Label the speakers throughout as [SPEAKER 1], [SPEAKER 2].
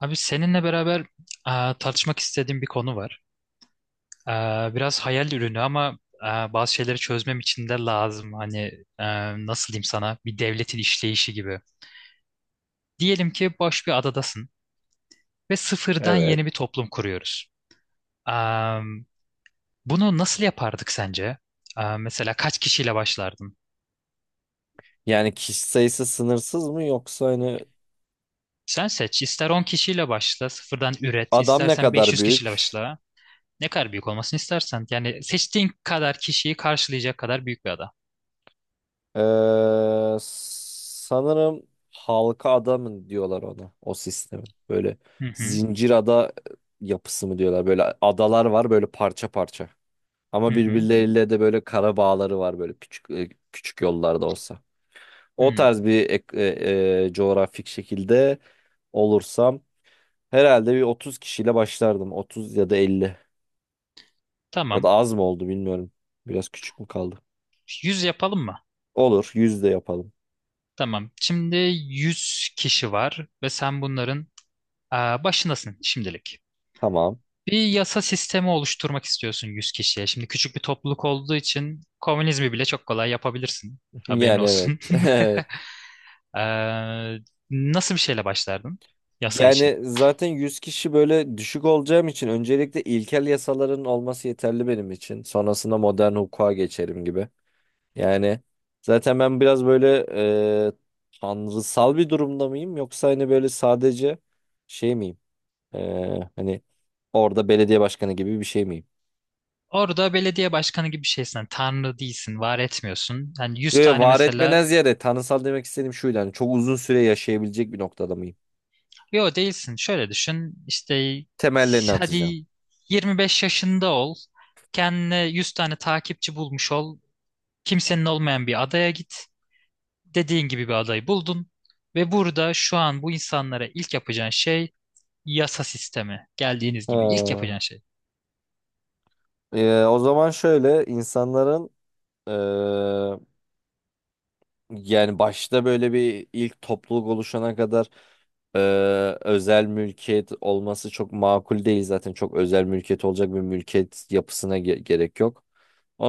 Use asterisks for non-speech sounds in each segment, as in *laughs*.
[SPEAKER 1] Abi seninle beraber tartışmak istediğim bir konu var. E, Biraz hayal ürünü ama bazı şeyleri çözmem için de lazım. Hani e, nasıl diyeyim sana bir devletin işleyişi gibi. Diyelim ki boş bir adadasın ve sıfırdan
[SPEAKER 2] Evet.
[SPEAKER 1] yeni bir toplum kuruyoruz. E, Bunu nasıl yapardık sence? Mesela kaç kişiyle başlardın?
[SPEAKER 2] Yani kişi sayısı sınırsız mı yoksa hani
[SPEAKER 1] Sen seç. İster 10 kişiyle başla, sıfırdan üret.
[SPEAKER 2] adam ne
[SPEAKER 1] İstersen
[SPEAKER 2] kadar
[SPEAKER 1] 500 kişiyle
[SPEAKER 2] büyük?
[SPEAKER 1] başla. Ne kadar büyük olmasını istersen. Yani seçtiğin kadar kişiyi karşılayacak kadar büyük bir ada.
[SPEAKER 2] Sanırım halka adamın diyorlar ona o sistemi. Böyle
[SPEAKER 1] Hı hı.
[SPEAKER 2] zincir ada yapısı mı diyorlar. Böyle adalar var böyle parça parça. Ama
[SPEAKER 1] Hı hı.
[SPEAKER 2] birbirleriyle de böyle kara bağları var böyle küçük küçük yollarda olsa. O
[SPEAKER 1] Hı.
[SPEAKER 2] tarz bir coğrafik şekilde olursam herhalde bir 30 kişiyle başlardım. 30 ya da 50. Ya da
[SPEAKER 1] Tamam.
[SPEAKER 2] az mı oldu bilmiyorum. Biraz küçük mü kaldı?
[SPEAKER 1] Yüz yapalım mı?
[SPEAKER 2] Olur. Yüz de yapalım.
[SPEAKER 1] Tamam. Şimdi 100 kişi var ve sen bunların başındasın şimdilik.
[SPEAKER 2] Tamam.
[SPEAKER 1] Bir yasa sistemi oluşturmak istiyorsun 100 kişiye. Şimdi küçük bir topluluk olduğu için komünizmi bile çok kolay yapabilirsin.
[SPEAKER 2] *laughs*
[SPEAKER 1] Haberin
[SPEAKER 2] Yani evet.
[SPEAKER 1] olsun. *laughs*
[SPEAKER 2] *laughs*
[SPEAKER 1] Ee, Nasıl bir şeyle başlardın
[SPEAKER 2] Evet.
[SPEAKER 1] yasa için?
[SPEAKER 2] Yani zaten 100 kişi böyle düşük olacağım için öncelikle ilkel yasaların olması yeterli benim için. Sonrasında modern hukuka geçerim gibi. Yani zaten ben biraz böyle e, tanrısal bir durumda mıyım yoksa hani böyle sadece şey miyim? E, hani orada belediye başkanı gibi bir şey miyim?
[SPEAKER 1] Orada belediye başkanı gibi bir şeysin. Yani tanrı değilsin, var etmiyorsun. Yani
[SPEAKER 2] Yo
[SPEAKER 1] 100
[SPEAKER 2] yo,
[SPEAKER 1] tane
[SPEAKER 2] var
[SPEAKER 1] mesela.
[SPEAKER 2] etmeden ziyade tanrısal demek istediğim şuydu. Hani çok uzun süre yaşayabilecek bir noktada mıyım?
[SPEAKER 1] Yo, değilsin. Şöyle düşün. İşte
[SPEAKER 2] Temellerini atacağım.
[SPEAKER 1] hadi 25 yaşında ol. Kendine 100 tane takipçi bulmuş ol. Kimsenin olmayan bir adaya git. Dediğin gibi bir adayı buldun. Ve burada şu an bu insanlara ilk yapacağın şey yasa sistemi. Geldiğiniz gibi ilk
[SPEAKER 2] Ha.
[SPEAKER 1] yapacağın şey.
[SPEAKER 2] O zaman şöyle insanların ee, yani başta böyle bir ilk topluluk oluşana kadar ee, özel mülkiyet olması çok makul değil zaten. Çok özel mülkiyet olacak bir mülkiyet yapısına gerek yok.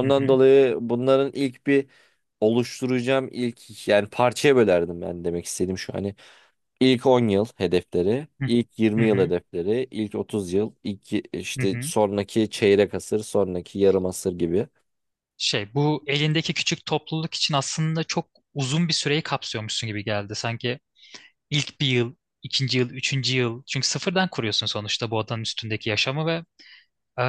[SPEAKER 1] Hı hı.
[SPEAKER 2] dolayı bunların ilk bir oluşturacağım ilk yani parçaya bölerdim ben, demek istediğim şu. Hani İlk 10 yıl hedefleri,
[SPEAKER 1] Hı
[SPEAKER 2] ilk
[SPEAKER 1] hı.
[SPEAKER 2] 20 yıl
[SPEAKER 1] Hı,
[SPEAKER 2] hedefleri, ilk 30 yıl, ilk
[SPEAKER 1] hı
[SPEAKER 2] işte
[SPEAKER 1] hı.
[SPEAKER 2] sonraki çeyrek asır, sonraki yarım asır gibi.
[SPEAKER 1] Bu elindeki küçük topluluk için aslında çok uzun bir süreyi kapsıyormuşsun gibi geldi. Sanki İlk bir yıl, ikinci yıl, üçüncü yıl. Çünkü sıfırdan kuruyorsun sonuçta bu adanın üstündeki yaşamı ve eee,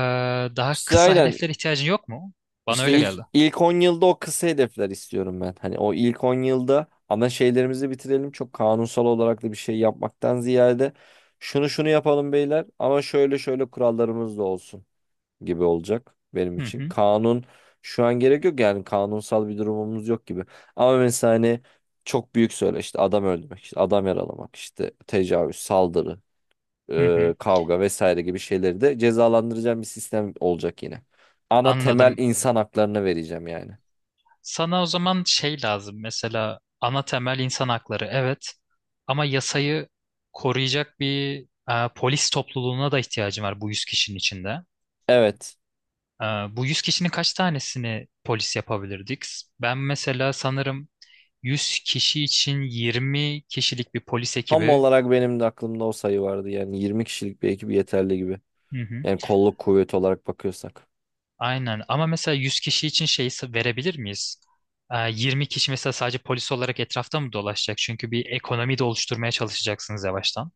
[SPEAKER 1] daha
[SPEAKER 2] İşte
[SPEAKER 1] kısa
[SPEAKER 2] aynen,
[SPEAKER 1] hedeflere ihtiyacın yok mu? Bana
[SPEAKER 2] işte
[SPEAKER 1] öyle
[SPEAKER 2] ilk
[SPEAKER 1] geldi.
[SPEAKER 2] ilk 10 yılda o kısa hedefler istiyorum ben. Hani o ilk 10 yılda ana şeylerimizi bitirelim. Çok kanunsal olarak da bir şey yapmaktan ziyade şunu şunu yapalım beyler ama şöyle şöyle kurallarımız da olsun gibi olacak benim
[SPEAKER 1] Hı
[SPEAKER 2] için.
[SPEAKER 1] hı,
[SPEAKER 2] Kanun şu an gerek yok, yani kanunsal bir durumumuz yok gibi. Ama mesela hani çok büyük söyle işte adam öldürmek, işte adam yaralamak, işte tecavüz, saldırı,
[SPEAKER 1] hı hı.
[SPEAKER 2] kavga vesaire gibi şeyleri de cezalandıracağım bir sistem olacak yine. Ana temel
[SPEAKER 1] Anladım.
[SPEAKER 2] insan haklarını vereceğim yani.
[SPEAKER 1] Sana o zaman şey lazım. Mesela ana temel insan hakları. Evet. Ama yasayı koruyacak bir polis topluluğuna da ihtiyacın var bu 100 kişinin içinde.
[SPEAKER 2] Evet.
[SPEAKER 1] Bu 100 kişinin kaç tanesini polis yapabilirdik? Ben mesela sanırım 100 kişi için 20 kişilik bir polis
[SPEAKER 2] Tam
[SPEAKER 1] ekibi.
[SPEAKER 2] olarak benim de aklımda o sayı vardı. Yani 20 kişilik bir ekip yeterli gibi.
[SPEAKER 1] Hı hı.
[SPEAKER 2] Yani kolluk kuvveti olarak bakıyorsak.
[SPEAKER 1] Aynen ama mesela 100 kişi için şey verebilir miyiz? 20 kişi mesela sadece polis olarak etrafta mı dolaşacak? Çünkü bir ekonomi de oluşturmaya çalışacaksınız yavaştan.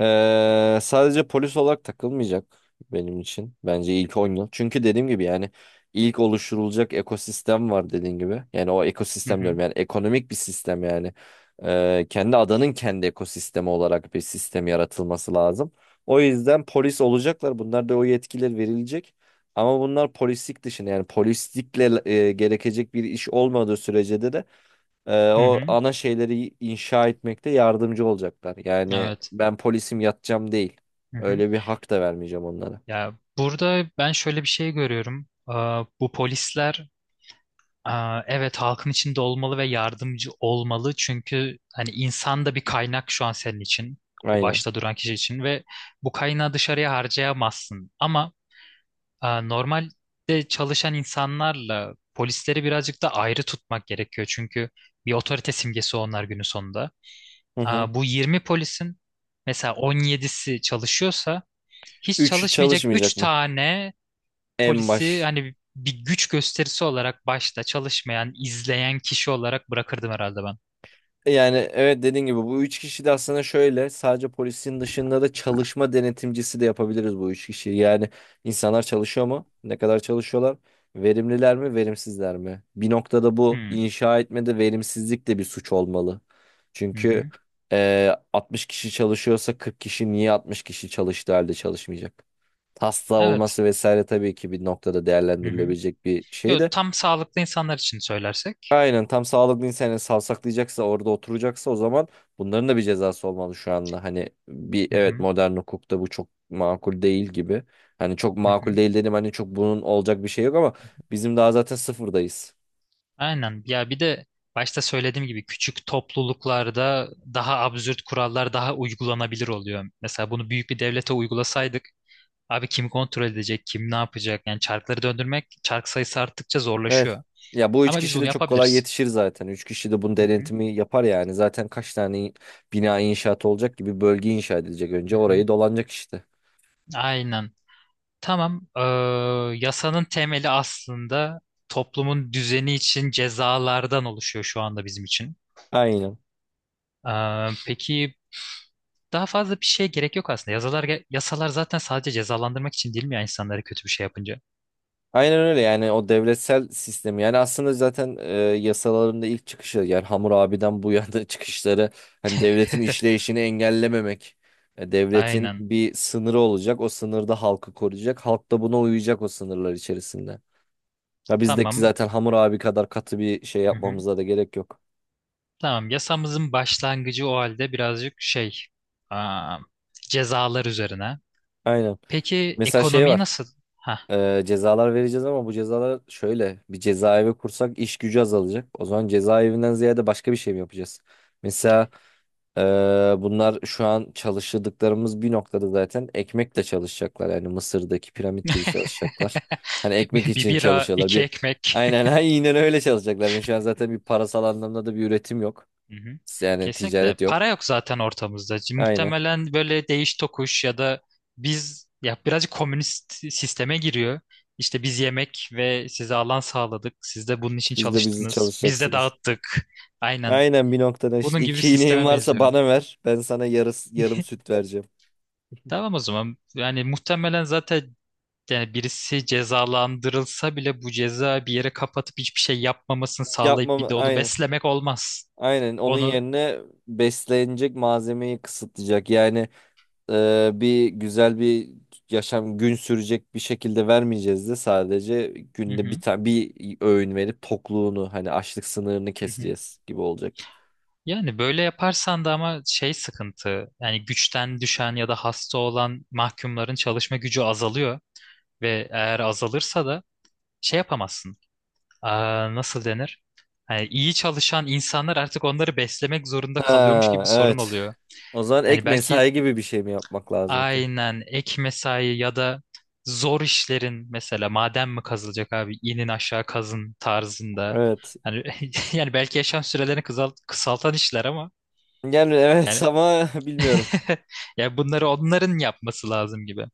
[SPEAKER 2] Sadece polis olarak takılmayacak benim için. Bence ilk 10 yıl. Çünkü dediğim gibi yani ilk oluşturulacak ekosistem var dediğin gibi. Yani o
[SPEAKER 1] Hı
[SPEAKER 2] ekosistem diyorum,
[SPEAKER 1] hı.
[SPEAKER 2] yani ekonomik bir sistem yani. Kendi adanın kendi ekosistemi olarak bir sistem yaratılması lazım. O yüzden polis olacaklar. Bunlar da o yetkiler verilecek. Ama bunlar polislik dışında, yani polislikle gerekecek bir iş olmadığı sürece de
[SPEAKER 1] Hı
[SPEAKER 2] o
[SPEAKER 1] hı.
[SPEAKER 2] ana şeyleri inşa etmekte yardımcı olacaklar. Yani
[SPEAKER 1] Evet.
[SPEAKER 2] ben polisim yatacağım değil.
[SPEAKER 1] Hı hı.
[SPEAKER 2] Öyle bir hak da vermeyeceğim onlara.
[SPEAKER 1] Ya burada ben şöyle bir şey görüyorum. Bu polisler Evet, halkın içinde olmalı ve yardımcı olmalı çünkü hani insan da bir kaynak şu an senin için, o
[SPEAKER 2] Aynen.
[SPEAKER 1] başta duran kişi için. Ve bu kaynağı dışarıya harcayamazsın ama normalde çalışan insanlarla polisleri birazcık da ayrı tutmak gerekiyor çünkü bir otorite simgesi onlar günün sonunda.
[SPEAKER 2] Hı hı.
[SPEAKER 1] Bu 20 polisin mesela 17'si çalışıyorsa hiç
[SPEAKER 2] Üç
[SPEAKER 1] çalışmayacak 3
[SPEAKER 2] çalışmayacak mı?
[SPEAKER 1] tane
[SPEAKER 2] En
[SPEAKER 1] polisi
[SPEAKER 2] baş.
[SPEAKER 1] hani bir güç gösterisi olarak başta çalışmayan, izleyen kişi olarak bırakırdım herhalde ben.
[SPEAKER 2] Yani evet, dediğin gibi bu üç kişi de aslında şöyle sadece polisin dışında da çalışma denetimcisi de yapabiliriz bu üç kişiyi. Yani insanlar çalışıyor mu? Ne kadar çalışıyorlar? Verimliler mi? Verimsizler mi? Bir noktada bu
[SPEAKER 1] Hmm.
[SPEAKER 2] inşa etmede verimsizlik de bir suç olmalı.
[SPEAKER 1] Hı
[SPEAKER 2] Çünkü
[SPEAKER 1] hı.
[SPEAKER 2] 60 kişi çalışıyorsa 40 kişi niye 60 kişi çalıştığı halde çalışmayacak? Hasta
[SPEAKER 1] Evet.
[SPEAKER 2] olması vesaire tabii ki bir noktada
[SPEAKER 1] Hı hı.
[SPEAKER 2] değerlendirilebilecek bir şey
[SPEAKER 1] Yo,
[SPEAKER 2] de.
[SPEAKER 1] tam sağlıklı insanlar için söylersek.
[SPEAKER 2] Aynen, tam sağlıklı insan, yani savsaklayacaksa orada oturacaksa o zaman bunların da bir cezası olmalı şu anda. Hani bir,
[SPEAKER 1] Hı
[SPEAKER 2] evet,
[SPEAKER 1] hı.
[SPEAKER 2] modern hukukta bu çok makul değil gibi. Hani çok
[SPEAKER 1] Hı
[SPEAKER 2] makul
[SPEAKER 1] hı.
[SPEAKER 2] değil dedim, hani çok bunun olacak bir şey yok ama bizim daha zaten sıfırdayız.
[SPEAKER 1] Aynen. Ya bir de başta söylediğim gibi küçük topluluklarda daha absürt kurallar daha uygulanabilir oluyor. Mesela bunu büyük bir devlete uygulasaydık abi kim kontrol edecek, kim ne yapacak? Yani çarkları döndürmek çark sayısı arttıkça
[SPEAKER 2] Evet.
[SPEAKER 1] zorlaşıyor.
[SPEAKER 2] Ya bu üç
[SPEAKER 1] Ama biz
[SPEAKER 2] kişi
[SPEAKER 1] bunu
[SPEAKER 2] de çok kolay
[SPEAKER 1] yapabiliriz.
[SPEAKER 2] yetişir zaten. Üç kişi de bunun
[SPEAKER 1] Hı hı.
[SPEAKER 2] denetimi yapar yani. Zaten kaç tane bina inşaat olacak gibi, bölge inşa edilecek
[SPEAKER 1] Hı
[SPEAKER 2] önce
[SPEAKER 1] hı.
[SPEAKER 2] orayı dolanacak işte.
[SPEAKER 1] Aynen. Tamam. Yasanın temeli aslında toplumun düzeni için cezalardan oluşuyor şu anda bizim için.
[SPEAKER 2] Aynen.
[SPEAKER 1] Peki, daha fazla bir şeye gerek yok aslında. Yasalar, yasalar zaten sadece cezalandırmak için değil mi ya insanları kötü bir şey yapınca?
[SPEAKER 2] Aynen öyle, yani o devletsel sistemi, yani aslında zaten yasalarında ilk çıkışı, yani Hammurabi'den bu yana *laughs* çıkışları hani devletin
[SPEAKER 1] *laughs*
[SPEAKER 2] işleyişini engellememek, devletin
[SPEAKER 1] Aynen.
[SPEAKER 2] bir sınırı olacak, o sınırda halkı koruyacak, halk da buna uyacak o sınırlar içerisinde. Ya bizdeki
[SPEAKER 1] Tamam.
[SPEAKER 2] zaten Hammurabi kadar katı bir şey
[SPEAKER 1] Hı hı.
[SPEAKER 2] yapmamıza da gerek yok.
[SPEAKER 1] Tamam. Yasamızın başlangıcı o halde birazcık aa, cezalar üzerine.
[SPEAKER 2] Aynen.
[SPEAKER 1] Peki
[SPEAKER 2] Mesela şey
[SPEAKER 1] ekonomiyi
[SPEAKER 2] var.
[SPEAKER 1] nasıl? Ha.
[SPEAKER 2] Cezalar vereceğiz ama bu cezalar şöyle, bir cezaevi kursak iş gücü azalacak. O zaman cezaevinden ziyade başka bir şey mi yapacağız? Mesela bunlar şu an çalıştırdıklarımız bir noktada zaten ekmekle çalışacaklar. Yani Mısır'daki piramit gibi çalışacaklar. Hani
[SPEAKER 1] *laughs*
[SPEAKER 2] ekmek
[SPEAKER 1] Bir
[SPEAKER 2] için
[SPEAKER 1] bira,
[SPEAKER 2] çalışıyorlar.
[SPEAKER 1] iki
[SPEAKER 2] Bir
[SPEAKER 1] ekmek.
[SPEAKER 2] aynen *laughs* aynen öyle çalışacaklar. Yani şu an zaten bir parasal anlamda da bir üretim yok.
[SPEAKER 1] Hı hı.
[SPEAKER 2] Yani
[SPEAKER 1] Kesinlikle.
[SPEAKER 2] ticaret yok.
[SPEAKER 1] Para yok zaten ortamızda.
[SPEAKER 2] Aynen.
[SPEAKER 1] Muhtemelen böyle değiş tokuş ya da biz ya birazcık komünist sisteme giriyor. İşte biz yemek ve size alan sağladık. Siz de bunun için
[SPEAKER 2] Siz de bizi
[SPEAKER 1] çalıştınız. Biz de
[SPEAKER 2] çalışacaksınız.
[SPEAKER 1] dağıttık. Aynen.
[SPEAKER 2] Aynen, bir noktada işte
[SPEAKER 1] Bunun gibi bir
[SPEAKER 2] iki ineğin
[SPEAKER 1] sisteme
[SPEAKER 2] varsa
[SPEAKER 1] benziyor.
[SPEAKER 2] bana ver. Ben sana yarım süt vereceğim.
[SPEAKER 1] Tamam o zaman. Yani muhtemelen zaten yani birisi cezalandırılsa bile bu ceza bir yere kapatıp hiçbir şey yapmamasını sağlayıp
[SPEAKER 2] Yapmam,
[SPEAKER 1] bir de onu
[SPEAKER 2] aynen.
[SPEAKER 1] beslemek olmaz.
[SPEAKER 2] Aynen onun
[SPEAKER 1] Onu.
[SPEAKER 2] yerine beslenecek malzemeyi kısıtlayacak. Yani bir güzel bir yaşam gün sürecek bir şekilde vermeyeceğiz de sadece
[SPEAKER 1] Hı
[SPEAKER 2] günde bir
[SPEAKER 1] hı.
[SPEAKER 2] tane bir öğün verip tokluğunu hani açlık sınırını
[SPEAKER 1] Hı hı.
[SPEAKER 2] keseceğiz gibi olacak.
[SPEAKER 1] Yani böyle yaparsan da ama sıkıntı yani güçten düşen ya da hasta olan mahkumların çalışma gücü azalıyor ve eğer azalırsa da şey yapamazsın. Nasıl denir? Hani iyi çalışan insanlar artık onları beslemek zorunda kalıyormuş gibi
[SPEAKER 2] Ha,
[SPEAKER 1] bir sorun
[SPEAKER 2] evet.
[SPEAKER 1] oluyor.
[SPEAKER 2] O zaman
[SPEAKER 1] Hani
[SPEAKER 2] ek
[SPEAKER 1] belki,
[SPEAKER 2] mesai gibi bir şey mi yapmak lazım ki?
[SPEAKER 1] aynen, ek mesai ya da zor işlerin, mesela maden mi kazılacak abi, inin aşağı kazın tarzında.
[SPEAKER 2] Evet.
[SPEAKER 1] Hani *laughs* yani belki yaşam sürelerini kısaltan işler ama
[SPEAKER 2] Yani evet *laughs*
[SPEAKER 1] yani.
[SPEAKER 2] ama bilmiyorum.
[SPEAKER 1] *laughs* Ya bunları onların yapması lazım gibi.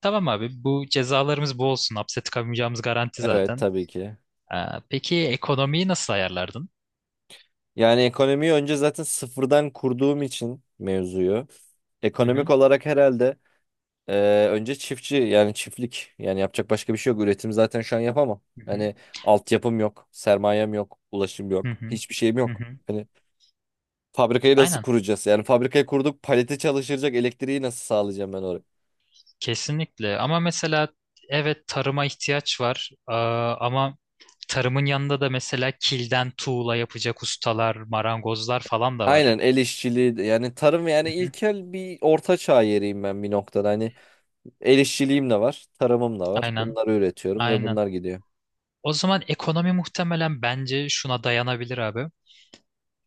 [SPEAKER 1] Tamam abi, bu cezalarımız bu olsun. Hapse tıkamayacağımız garanti
[SPEAKER 2] Evet,
[SPEAKER 1] zaten.
[SPEAKER 2] tabii ki.
[SPEAKER 1] Ee, peki ekonomiyi nasıl ayarlardın?
[SPEAKER 2] Yani ekonomiyi önce zaten sıfırdan kurduğum için mevzuyu.
[SPEAKER 1] Hı
[SPEAKER 2] Ekonomik
[SPEAKER 1] hı.
[SPEAKER 2] olarak herhalde e, önce çiftçi, yani çiftlik, yani yapacak başka bir şey yok. Üretim zaten şu an yapamam.
[SPEAKER 1] Hı hı.
[SPEAKER 2] Hani altyapım yok, sermayem yok, ulaşım
[SPEAKER 1] Hı
[SPEAKER 2] yok,
[SPEAKER 1] hı.
[SPEAKER 2] hiçbir şeyim
[SPEAKER 1] Hı
[SPEAKER 2] yok.
[SPEAKER 1] hı.
[SPEAKER 2] Hani fabrikayı nasıl
[SPEAKER 1] Aynen.
[SPEAKER 2] kuracağız? Yani fabrikayı kurduk, palete çalışacak elektriği nasıl sağlayacağım ben oraya?
[SPEAKER 1] Kesinlikle. Ama mesela evet, tarıma ihtiyaç var. Ama tarımın yanında da mesela kilden tuğla yapacak ustalar, marangozlar falan da var.
[SPEAKER 2] Aynen, el işçiliği yani tarım, yani
[SPEAKER 1] Hı hı.
[SPEAKER 2] ilkel bir orta çağ yeriyim ben bir noktada. Hani el işçiliğim de var, tarımım da var.
[SPEAKER 1] Aynen.
[SPEAKER 2] Bunları üretiyorum ve
[SPEAKER 1] Aynen.
[SPEAKER 2] bunlar gidiyor.
[SPEAKER 1] O zaman ekonomi muhtemelen bence şuna dayanabilir abi.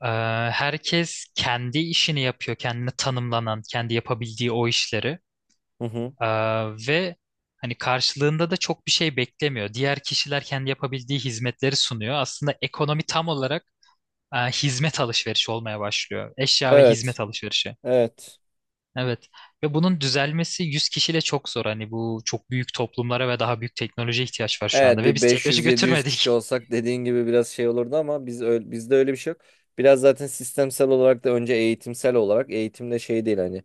[SPEAKER 1] Ee, Herkes kendi işini yapıyor, kendine tanımlanan, kendi yapabildiği o işleri.
[SPEAKER 2] Hı hı.
[SPEAKER 1] Ee, Ve hani karşılığında da çok bir şey beklemiyor. Diğer kişiler kendi yapabildiği hizmetleri sunuyor. Aslında ekonomi tam olarak hizmet alışverişi olmaya başlıyor. Eşya ve
[SPEAKER 2] Evet.
[SPEAKER 1] hizmet alışverişi.
[SPEAKER 2] Evet.
[SPEAKER 1] Evet. Ve bunun düzelmesi 100 kişiyle çok zor. Hani bu çok büyük toplumlara ve daha büyük teknolojiye ihtiyaç var şu anda.
[SPEAKER 2] Evet
[SPEAKER 1] Ve
[SPEAKER 2] bir
[SPEAKER 1] biz teknoloji
[SPEAKER 2] 500-700 kişi
[SPEAKER 1] götürmedik.
[SPEAKER 2] olsak dediğin gibi biraz şey olurdu ama biz öyle, bizde öyle bir şey yok. Biraz zaten sistemsel olarak da önce eğitimsel olarak eğitimde şey değil, hani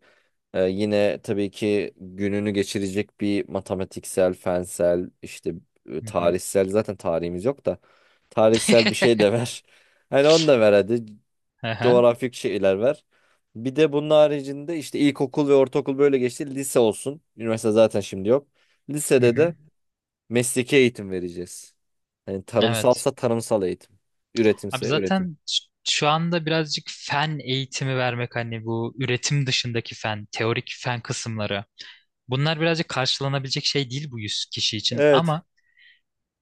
[SPEAKER 2] yine tabii ki gününü geçirecek bir matematiksel, fensel, işte
[SPEAKER 1] *laughs* Hı hı.
[SPEAKER 2] tarihsel, zaten tarihimiz yok da tarihsel bir şey de ver. *laughs* Hani onu da ver hadi,
[SPEAKER 1] Hı hı.
[SPEAKER 2] coğrafik şeyler ver. Bir de bunun haricinde işte ilkokul ve ortaokul böyle geçti. Lise olsun. Üniversite zaten şimdi yok.
[SPEAKER 1] Hı
[SPEAKER 2] Lisede
[SPEAKER 1] hı.
[SPEAKER 2] de mesleki eğitim vereceğiz. Yani
[SPEAKER 1] Evet.
[SPEAKER 2] tarımsalsa tarımsal eğitim.
[SPEAKER 1] Abi
[SPEAKER 2] Üretimse üretim.
[SPEAKER 1] zaten şu anda birazcık fen eğitimi vermek hani bu üretim dışındaki fen, teorik fen kısımları. Bunlar birazcık karşılanabilecek şey değil bu 100 kişi için
[SPEAKER 2] Evet.
[SPEAKER 1] ama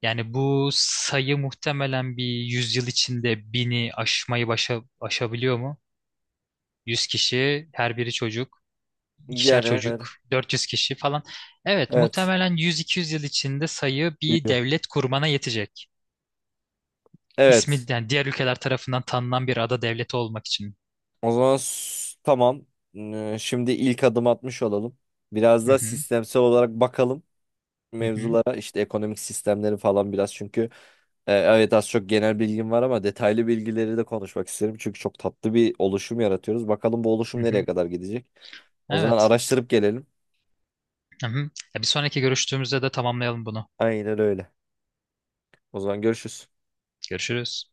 [SPEAKER 1] yani bu sayı muhtemelen bir 100 yıl içinde bini aşmayı aşabiliyor mu? Yüz kişi, her biri çocuk, ikişer
[SPEAKER 2] Yani
[SPEAKER 1] çocuk,
[SPEAKER 2] evet.
[SPEAKER 1] 400 kişi falan. Evet,
[SPEAKER 2] Evet.
[SPEAKER 1] muhtemelen 100-200 yıl içinde sayı bir
[SPEAKER 2] Büyüyor.
[SPEAKER 1] devlet kurmana yetecek. İsmi
[SPEAKER 2] Evet.
[SPEAKER 1] yani diğer ülkeler tarafından tanınan bir ada devleti olmak için.
[SPEAKER 2] O zaman tamam. Şimdi ilk adım atmış olalım. Biraz
[SPEAKER 1] Hı
[SPEAKER 2] da
[SPEAKER 1] hı.
[SPEAKER 2] sistemsel olarak bakalım
[SPEAKER 1] Hı hı,
[SPEAKER 2] mevzulara. İşte ekonomik sistemleri falan biraz, çünkü evet az çok genel bilgim var ama detaylı bilgileri de konuşmak isterim. Çünkü çok tatlı bir oluşum yaratıyoruz. Bakalım bu
[SPEAKER 1] hı
[SPEAKER 2] oluşum nereye
[SPEAKER 1] hı.
[SPEAKER 2] kadar gidecek. O zaman
[SPEAKER 1] Evet.
[SPEAKER 2] araştırıp gelelim.
[SPEAKER 1] Hı hı. Ya bir sonraki görüştüğümüzde de tamamlayalım bunu.
[SPEAKER 2] Aynen öyle. O zaman görüşürüz.
[SPEAKER 1] Görüşürüz.